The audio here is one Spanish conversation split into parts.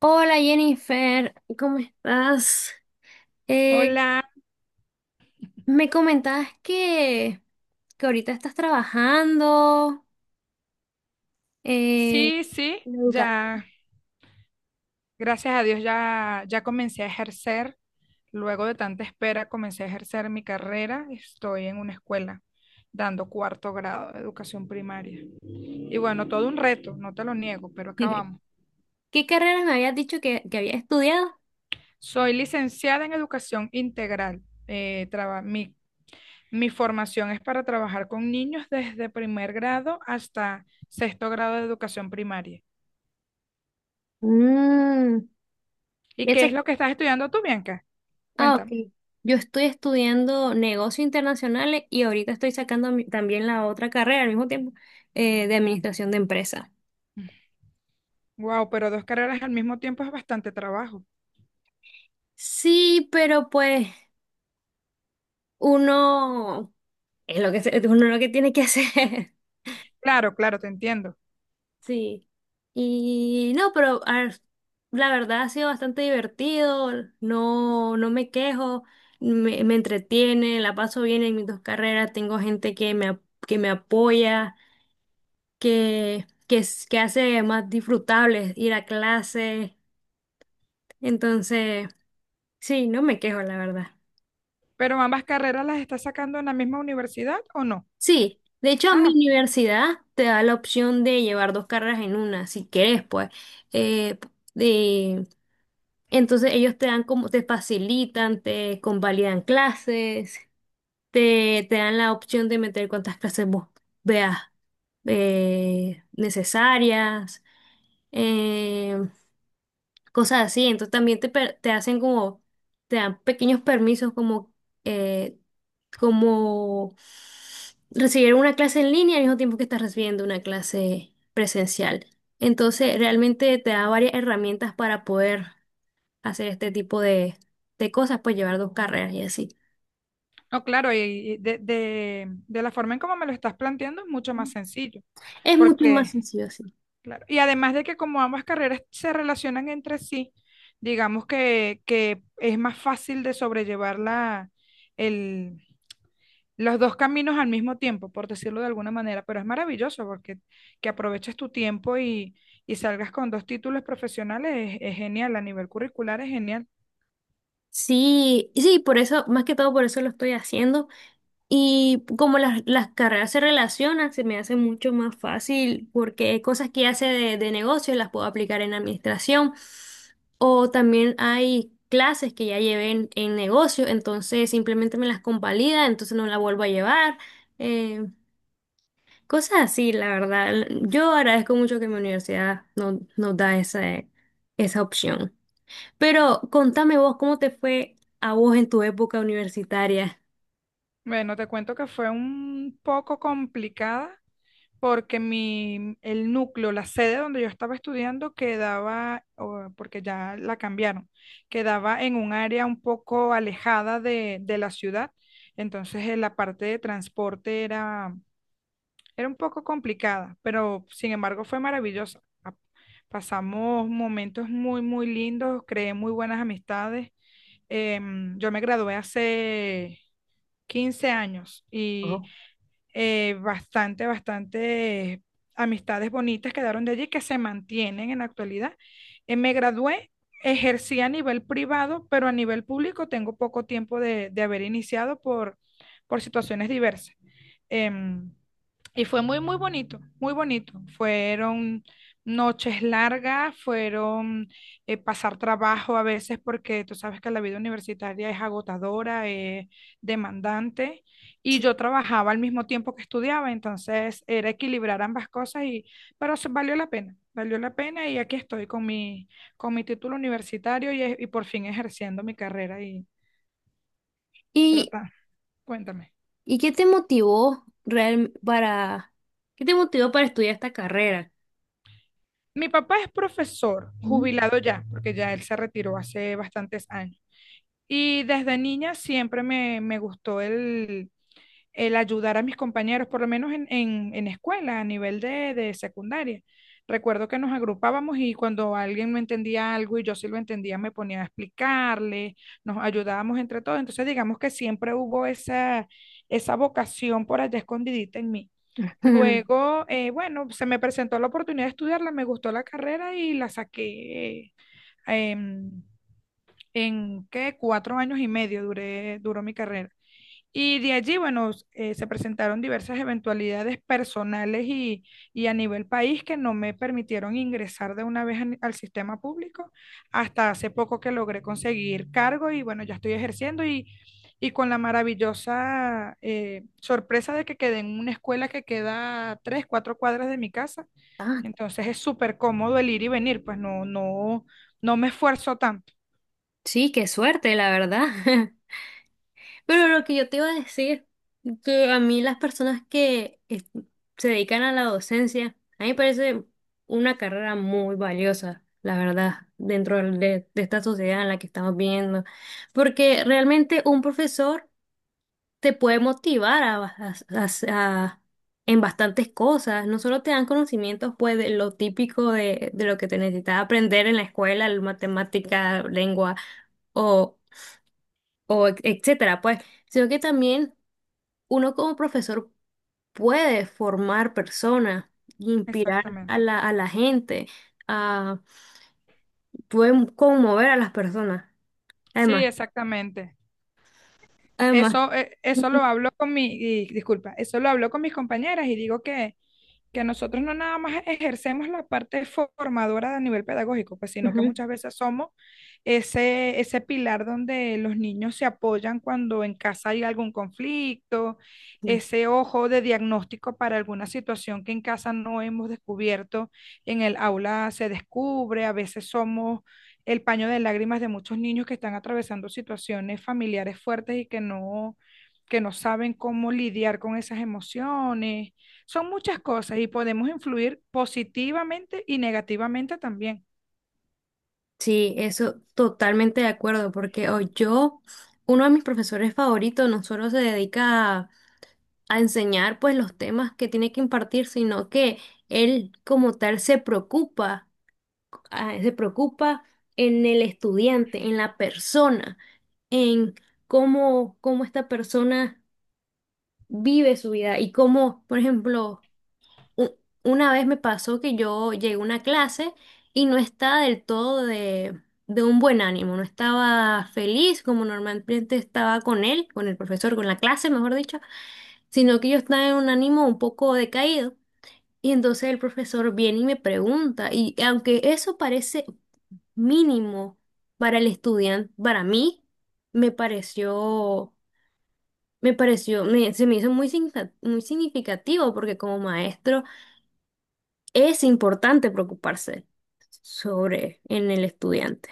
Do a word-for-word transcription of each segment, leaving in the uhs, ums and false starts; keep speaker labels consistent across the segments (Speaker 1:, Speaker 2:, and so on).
Speaker 1: Hola Jennifer, ¿cómo estás? Eh,
Speaker 2: Hola,
Speaker 1: me comentabas que, que ahorita estás trabajando eh,
Speaker 2: sí, sí,
Speaker 1: en educar.
Speaker 2: ya, gracias a Dios ya, ya comencé a ejercer. Luego de tanta espera, comencé a ejercer mi carrera. Estoy en una escuela dando cuarto grado de educación primaria. Y bueno, todo un reto, no te lo niego, pero acabamos.
Speaker 1: ¿Qué carreras me habías dicho que, que había estudiado?
Speaker 2: Soy licenciada en educación integral. Eh, traba- mi, mi formación es para trabajar con niños desde primer grado hasta sexto grado de educación primaria.
Speaker 1: Mm,
Speaker 2: ¿Y
Speaker 1: ya
Speaker 2: qué es
Speaker 1: sé-
Speaker 2: lo que estás estudiando tú, Bianca?
Speaker 1: Ah, ok.
Speaker 2: Cuéntame.
Speaker 1: Yo estoy estudiando negocios internacionales y ahorita estoy sacando mi- también la otra carrera al mismo tiempo eh, de administración de empresas.
Speaker 2: Wow, pero dos carreras al mismo tiempo es bastante trabajo.
Speaker 1: Sí, pero pues uno es lo que, se- uno es lo que tiene que hacer.
Speaker 2: Claro, claro, te entiendo.
Speaker 1: Sí. Y no, pero a ver, la verdad ha sido bastante divertido, no, no me quejo, me, me entretiene, la paso bien en mis dos carreras, tengo gente que me, ap- que me apoya, que, que, es- que hace más disfrutable ir a clase. Entonces, sí, no me quejo, la verdad.
Speaker 2: ¿Pero ambas carreras las estás sacando en la misma universidad o no?
Speaker 1: Sí, de hecho mi
Speaker 2: Ah,
Speaker 1: universidad te da la opción de llevar dos carreras en una, si quieres, pues. Eh, Entonces ellos te dan como, te facilitan, te convalidan clases, te, te dan la opción de meter cuantas clases vos veas eh, necesarias, eh, cosas así. Entonces también te, per- te hacen como, te dan pequeños permisos como, eh, como recibir una clase en línea al mismo tiempo que estás recibiendo una clase presencial. Entonces realmente te da varias herramientas para poder hacer este tipo de, de cosas, pues llevar dos carreras y así.
Speaker 2: no, claro, y y de, de, de la forma en como me lo estás planteando es mucho más sencillo,
Speaker 1: Es mucho más
Speaker 2: porque,
Speaker 1: sencillo así.
Speaker 2: claro, y además de que como ambas carreras se relacionan entre sí, digamos que, que es más fácil de sobrellevar la, el los dos caminos al mismo tiempo, por decirlo de alguna manera, pero es maravilloso porque que aproveches tu tiempo y, y salgas con dos títulos profesionales es, es genial, a nivel curricular es genial.
Speaker 1: Sí, y sí, por eso, más que todo por eso lo estoy haciendo. Y como las, las carreras se relacionan, se me hace mucho más fácil porque cosas que hace de, de negocio las puedo aplicar en administración. O también hay clases que ya llevé en, en negocio, entonces simplemente me las convalida, entonces no la vuelvo a llevar. eh, Cosas así, la verdad. Yo agradezco mucho que mi universidad no- nos da ese- esa opción. Pero contame vos, ¿cómo te fue a vos en tu época universitaria?
Speaker 2: Bueno, te cuento que fue un poco complicada porque mi, el núcleo, la sede donde yo estaba estudiando quedaba, o- porque ya la cambiaron, quedaba en un área un poco alejada de, de la ciudad. Entonces, eh, la parte de transporte era Era un poco complicada, pero sin embargo fue maravillosa. A- Pasamos momentos muy, muy lindos, creé muy buenas amistades. Em, yo me gradué hace quince años y eh, bastante, bastante amistades bonitas quedaron de allí que se mantienen en la actualidad. Eh, me gradué, ejercí a nivel privado, pero a nivel público tengo poco tiempo de, de haber iniciado por, por situaciones diversas. Em, y fue muy, muy bonito, muy bonito. Fueron noches largas, fueron eh, pasar trabajo a veces porque tú sabes que la vida universitaria es agotadora, es demandante. Y
Speaker 1: Sí.
Speaker 2: yo trabajaba al mismo tiempo que estudiaba, entonces era equilibrar ambas cosas, y, pero se- valió la pena, valió la pena y aquí estoy con mi, con mi título universitario y, e- y por fin ejerciendo mi carrera y
Speaker 1: ¿Y,
Speaker 2: trata. Cuéntame.
Speaker 1: y qué te motivó real para, qué te motivó para estudiar esta carrera?
Speaker 2: Mi papá es profesor,
Speaker 1: Mm,
Speaker 2: jubilado ya, porque ya él se retiró hace bastantes años. Y desde niña siempre me, me gustó el, el ayudar a mis compañeros, por lo menos en, en, en escuela, a nivel de, de secundaria. Recuerdo que nos agrupábamos y cuando alguien no entendía algo y yo sí lo entendía, me ponía a explicarle, nos ayudábamos entre todos. Entonces, digamos que siempre hubo esa, esa vocación por allá escondidita en mí. Luego, eh, bueno, se me presentó la oportunidad de estudiarla, me gustó la carrera y la saqué eh, en, en, ¿qué? Cuatro años y medio duré, duró mi carrera. Y de allí, bueno, s- eh, se presentaron diversas eventualidades personales y, y a nivel país que no me permitieron ingresar de una vez an- al sistema público hasta hace poco que logré conseguir cargo y bueno, ya estoy ejerciendo y, y con la maravillosa eh, sorpresa de que quedé en una escuela que queda a tres, cuatro cuadras de mi casa.
Speaker 1: Ah,
Speaker 2: Entonces es súper cómodo el ir y venir, pues no, no, no me esfuerzo tanto.
Speaker 1: sí, qué suerte, la verdad. Pero
Speaker 2: Sí,
Speaker 1: lo que yo te iba a decir, que a mí las personas que eh, se dedican a la docencia, a mí me parece una carrera muy valiosa, la verdad, dentro de, de esta sociedad en la que estamos viendo, porque realmente un profesor te puede motivar a, a- a- a- en bastantes cosas, no solo te dan conocimientos, pues, de lo típico de, de lo que te necesitas aprender en la escuela, matemática, lengua o, o et- etcétera, pues, sino que también uno como profesor puede formar personas, inspirar a
Speaker 2: exactamente.
Speaker 1: la, a la gente, a, puede conmover a las personas.
Speaker 2: Sí,
Speaker 1: Además,
Speaker 2: exactamente.
Speaker 1: además.
Speaker 2: Eso, eh, eso lo
Speaker 1: Ujú,
Speaker 2: hablo con mi, y disculpa, eso lo hablo con mis compañeras y digo que, que nosotros no nada más ejercemos la parte formadora a nivel pedagógico, pues, sino que
Speaker 1: ujú.
Speaker 2: muchas veces somos ese, ese pilar donde los niños se apoyan cuando en casa hay algún conflicto, ese ojo de diagnóstico para alguna situación que en casa no hemos descubierto, en el aula se descubre, a veces somos el paño de lágrimas de muchos niños que están atravesando situaciones familiares fuertes y que no, que no saben cómo lidiar con esas emociones. Son muchas cosas y podemos influir positivamente y negativamente también.
Speaker 1: Sí, eso totalmente de acuerdo, porque o yo, uno de mis profesores favoritos, no solo se dedica a, a enseñar pues los temas que tiene que impartir, sino que él como tal se preocupa ah, se preocupa en el estudiante, en la persona, en cómo, cómo esta persona vive su vida y cómo, por ejemplo, u- una vez me pasó que yo llegué a una clase y no estaba del todo de, de un buen ánimo, no estaba feliz como normalmente estaba con él, con el profesor, con la clase, mejor dicho, sino que yo estaba en un ánimo un poco decaído. Y entonces el profesor viene y me pregunta, y aunque eso parece mínimo para el estudiante, para mí, me pareció, me pareció, me- se me hizo muy, signa- muy significativo porque como maestro es importante preocuparse sobre en el estudiante.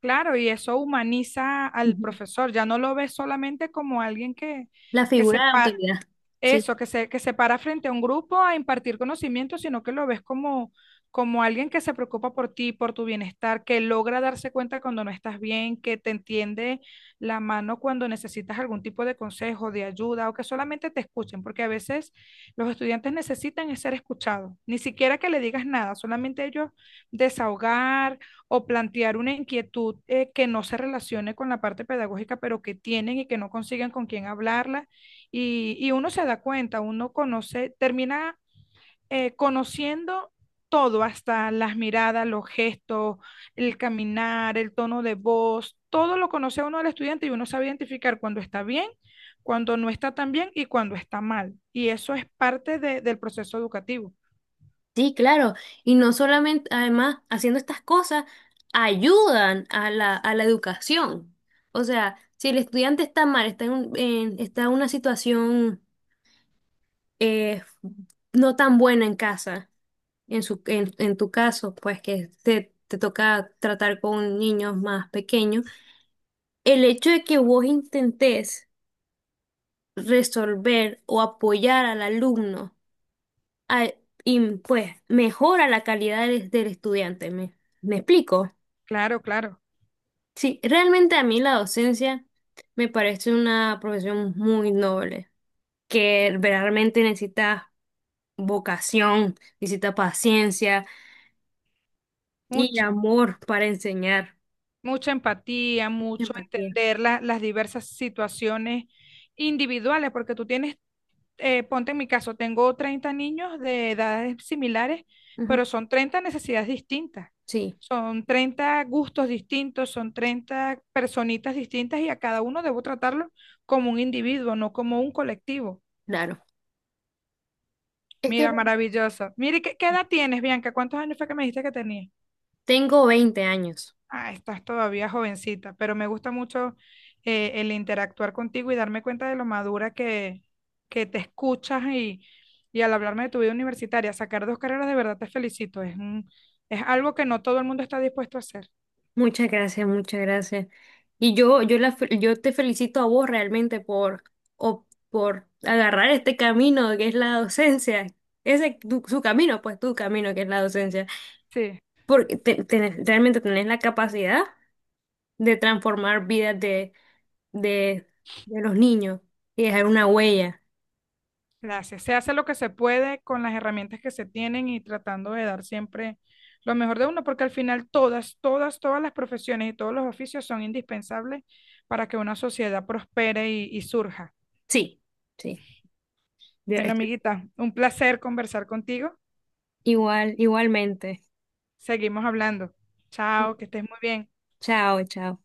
Speaker 2: Claro, y eso humaniza al
Speaker 1: Ujú.
Speaker 2: profesor, ya no lo ves solamente como alguien que,
Speaker 1: La
Speaker 2: que se,
Speaker 1: figura de
Speaker 2: pa-
Speaker 1: autoridad. Sí,
Speaker 2: Eso, que se, que se para frente a un grupo a impartir conocimiento, sino que lo ves como, como alguien que se preocupa por ti, por tu bienestar, que logra darse cuenta cuando no estás bien, que te entiende la mano cuando necesitas algún tipo de consejo, de ayuda o que solamente te escuchen, porque a veces los estudiantes necesitan es ser escuchados, ni siquiera que le digas nada, solamente ellos desahogar o plantear una inquietud eh, que no se relacione con la parte pedagógica, pero que tienen y que no consiguen con quién hablarla y, y uno se da cuenta, uno conoce, termina eh, conociendo todo, hasta las miradas, los gestos, el caminar, el tono de voz, todo lo conoce uno del estudiante y uno sabe identificar cuando está bien, cuando no está tan bien y cuando está mal. Y eso es parte de- del proceso educativo.
Speaker 1: sí, claro. Y no solamente, además, haciendo estas cosas, ayudan a la, a la educación. O sea, si el estudiante está mal, está en, un- en- está en una situación eh, no tan buena en casa. En su, en, en tu caso, pues que te, te toca tratar con niños más pequeños, el hecho de que vos intentes resolver o apoyar al alumno, a- y, pues mejora la calidad del, del estudiante. ¿Me, me explico?
Speaker 2: Claro, claro,
Speaker 1: Sí, realmente a mí la docencia me parece una profesión muy noble, que realmente necesita vocación, necesita paciencia. Y
Speaker 2: mucha,
Speaker 1: amor para enseñar.
Speaker 2: mucha empatía, mucho
Speaker 1: Empatía.
Speaker 2: entender la- las diversas situaciones individuales, porque tú tienes eh, ponte en mi caso, tengo treinta niños de edades similares,
Speaker 1: Ujú.
Speaker 2: pero son treinta necesidades distintas,
Speaker 1: Sí,
Speaker 2: son treinta gustos distintos, son treinta personitas distintas y a cada uno debo tratarlo como un individuo, no como un colectivo.
Speaker 1: claro. Es que
Speaker 2: Mira, maravilloso. Mire, ¿qué, qué, edad tienes, Bianca? ¿Cuántos años fue que me dijiste que tenías?
Speaker 1: tengo veinte años.
Speaker 2: Ah, estás todavía jovencita, pero me gusta mucho eh, el interactuar contigo y darme cuenta de lo madura que, que te escuchas y, y al hablarme de tu vida universitaria, sacar dos carreras de verdad te felicito. Es un- es algo que no todo el mundo está dispuesto a hacer.
Speaker 1: Muchas gracias, muchas gracias. Y yo, yo, la, fe- yo te felicito a vos realmente por, o, por agarrar este camino que es la docencia. Ese, tu- su camino, pues tu camino que es la docencia.
Speaker 2: Sí,
Speaker 1: Porque te- tenés- realmente tenés la capacidad de transformar vidas de, de, de los niños y dejar una huella.
Speaker 2: gracias. Se hace lo que se puede con las herramientas que se tienen y tratando de dar siempre lo mejor de uno, porque al final todas, todas, todas las profesiones y todos los oficios son indispensables para que una sociedad prospere y y surja.
Speaker 1: Sí, sí.
Speaker 2: Bueno, amiguita, un placer conversar contigo.
Speaker 1: Igual, igualmente.
Speaker 2: Seguimos hablando. Chao, que estés muy bien.
Speaker 1: Chao, chao.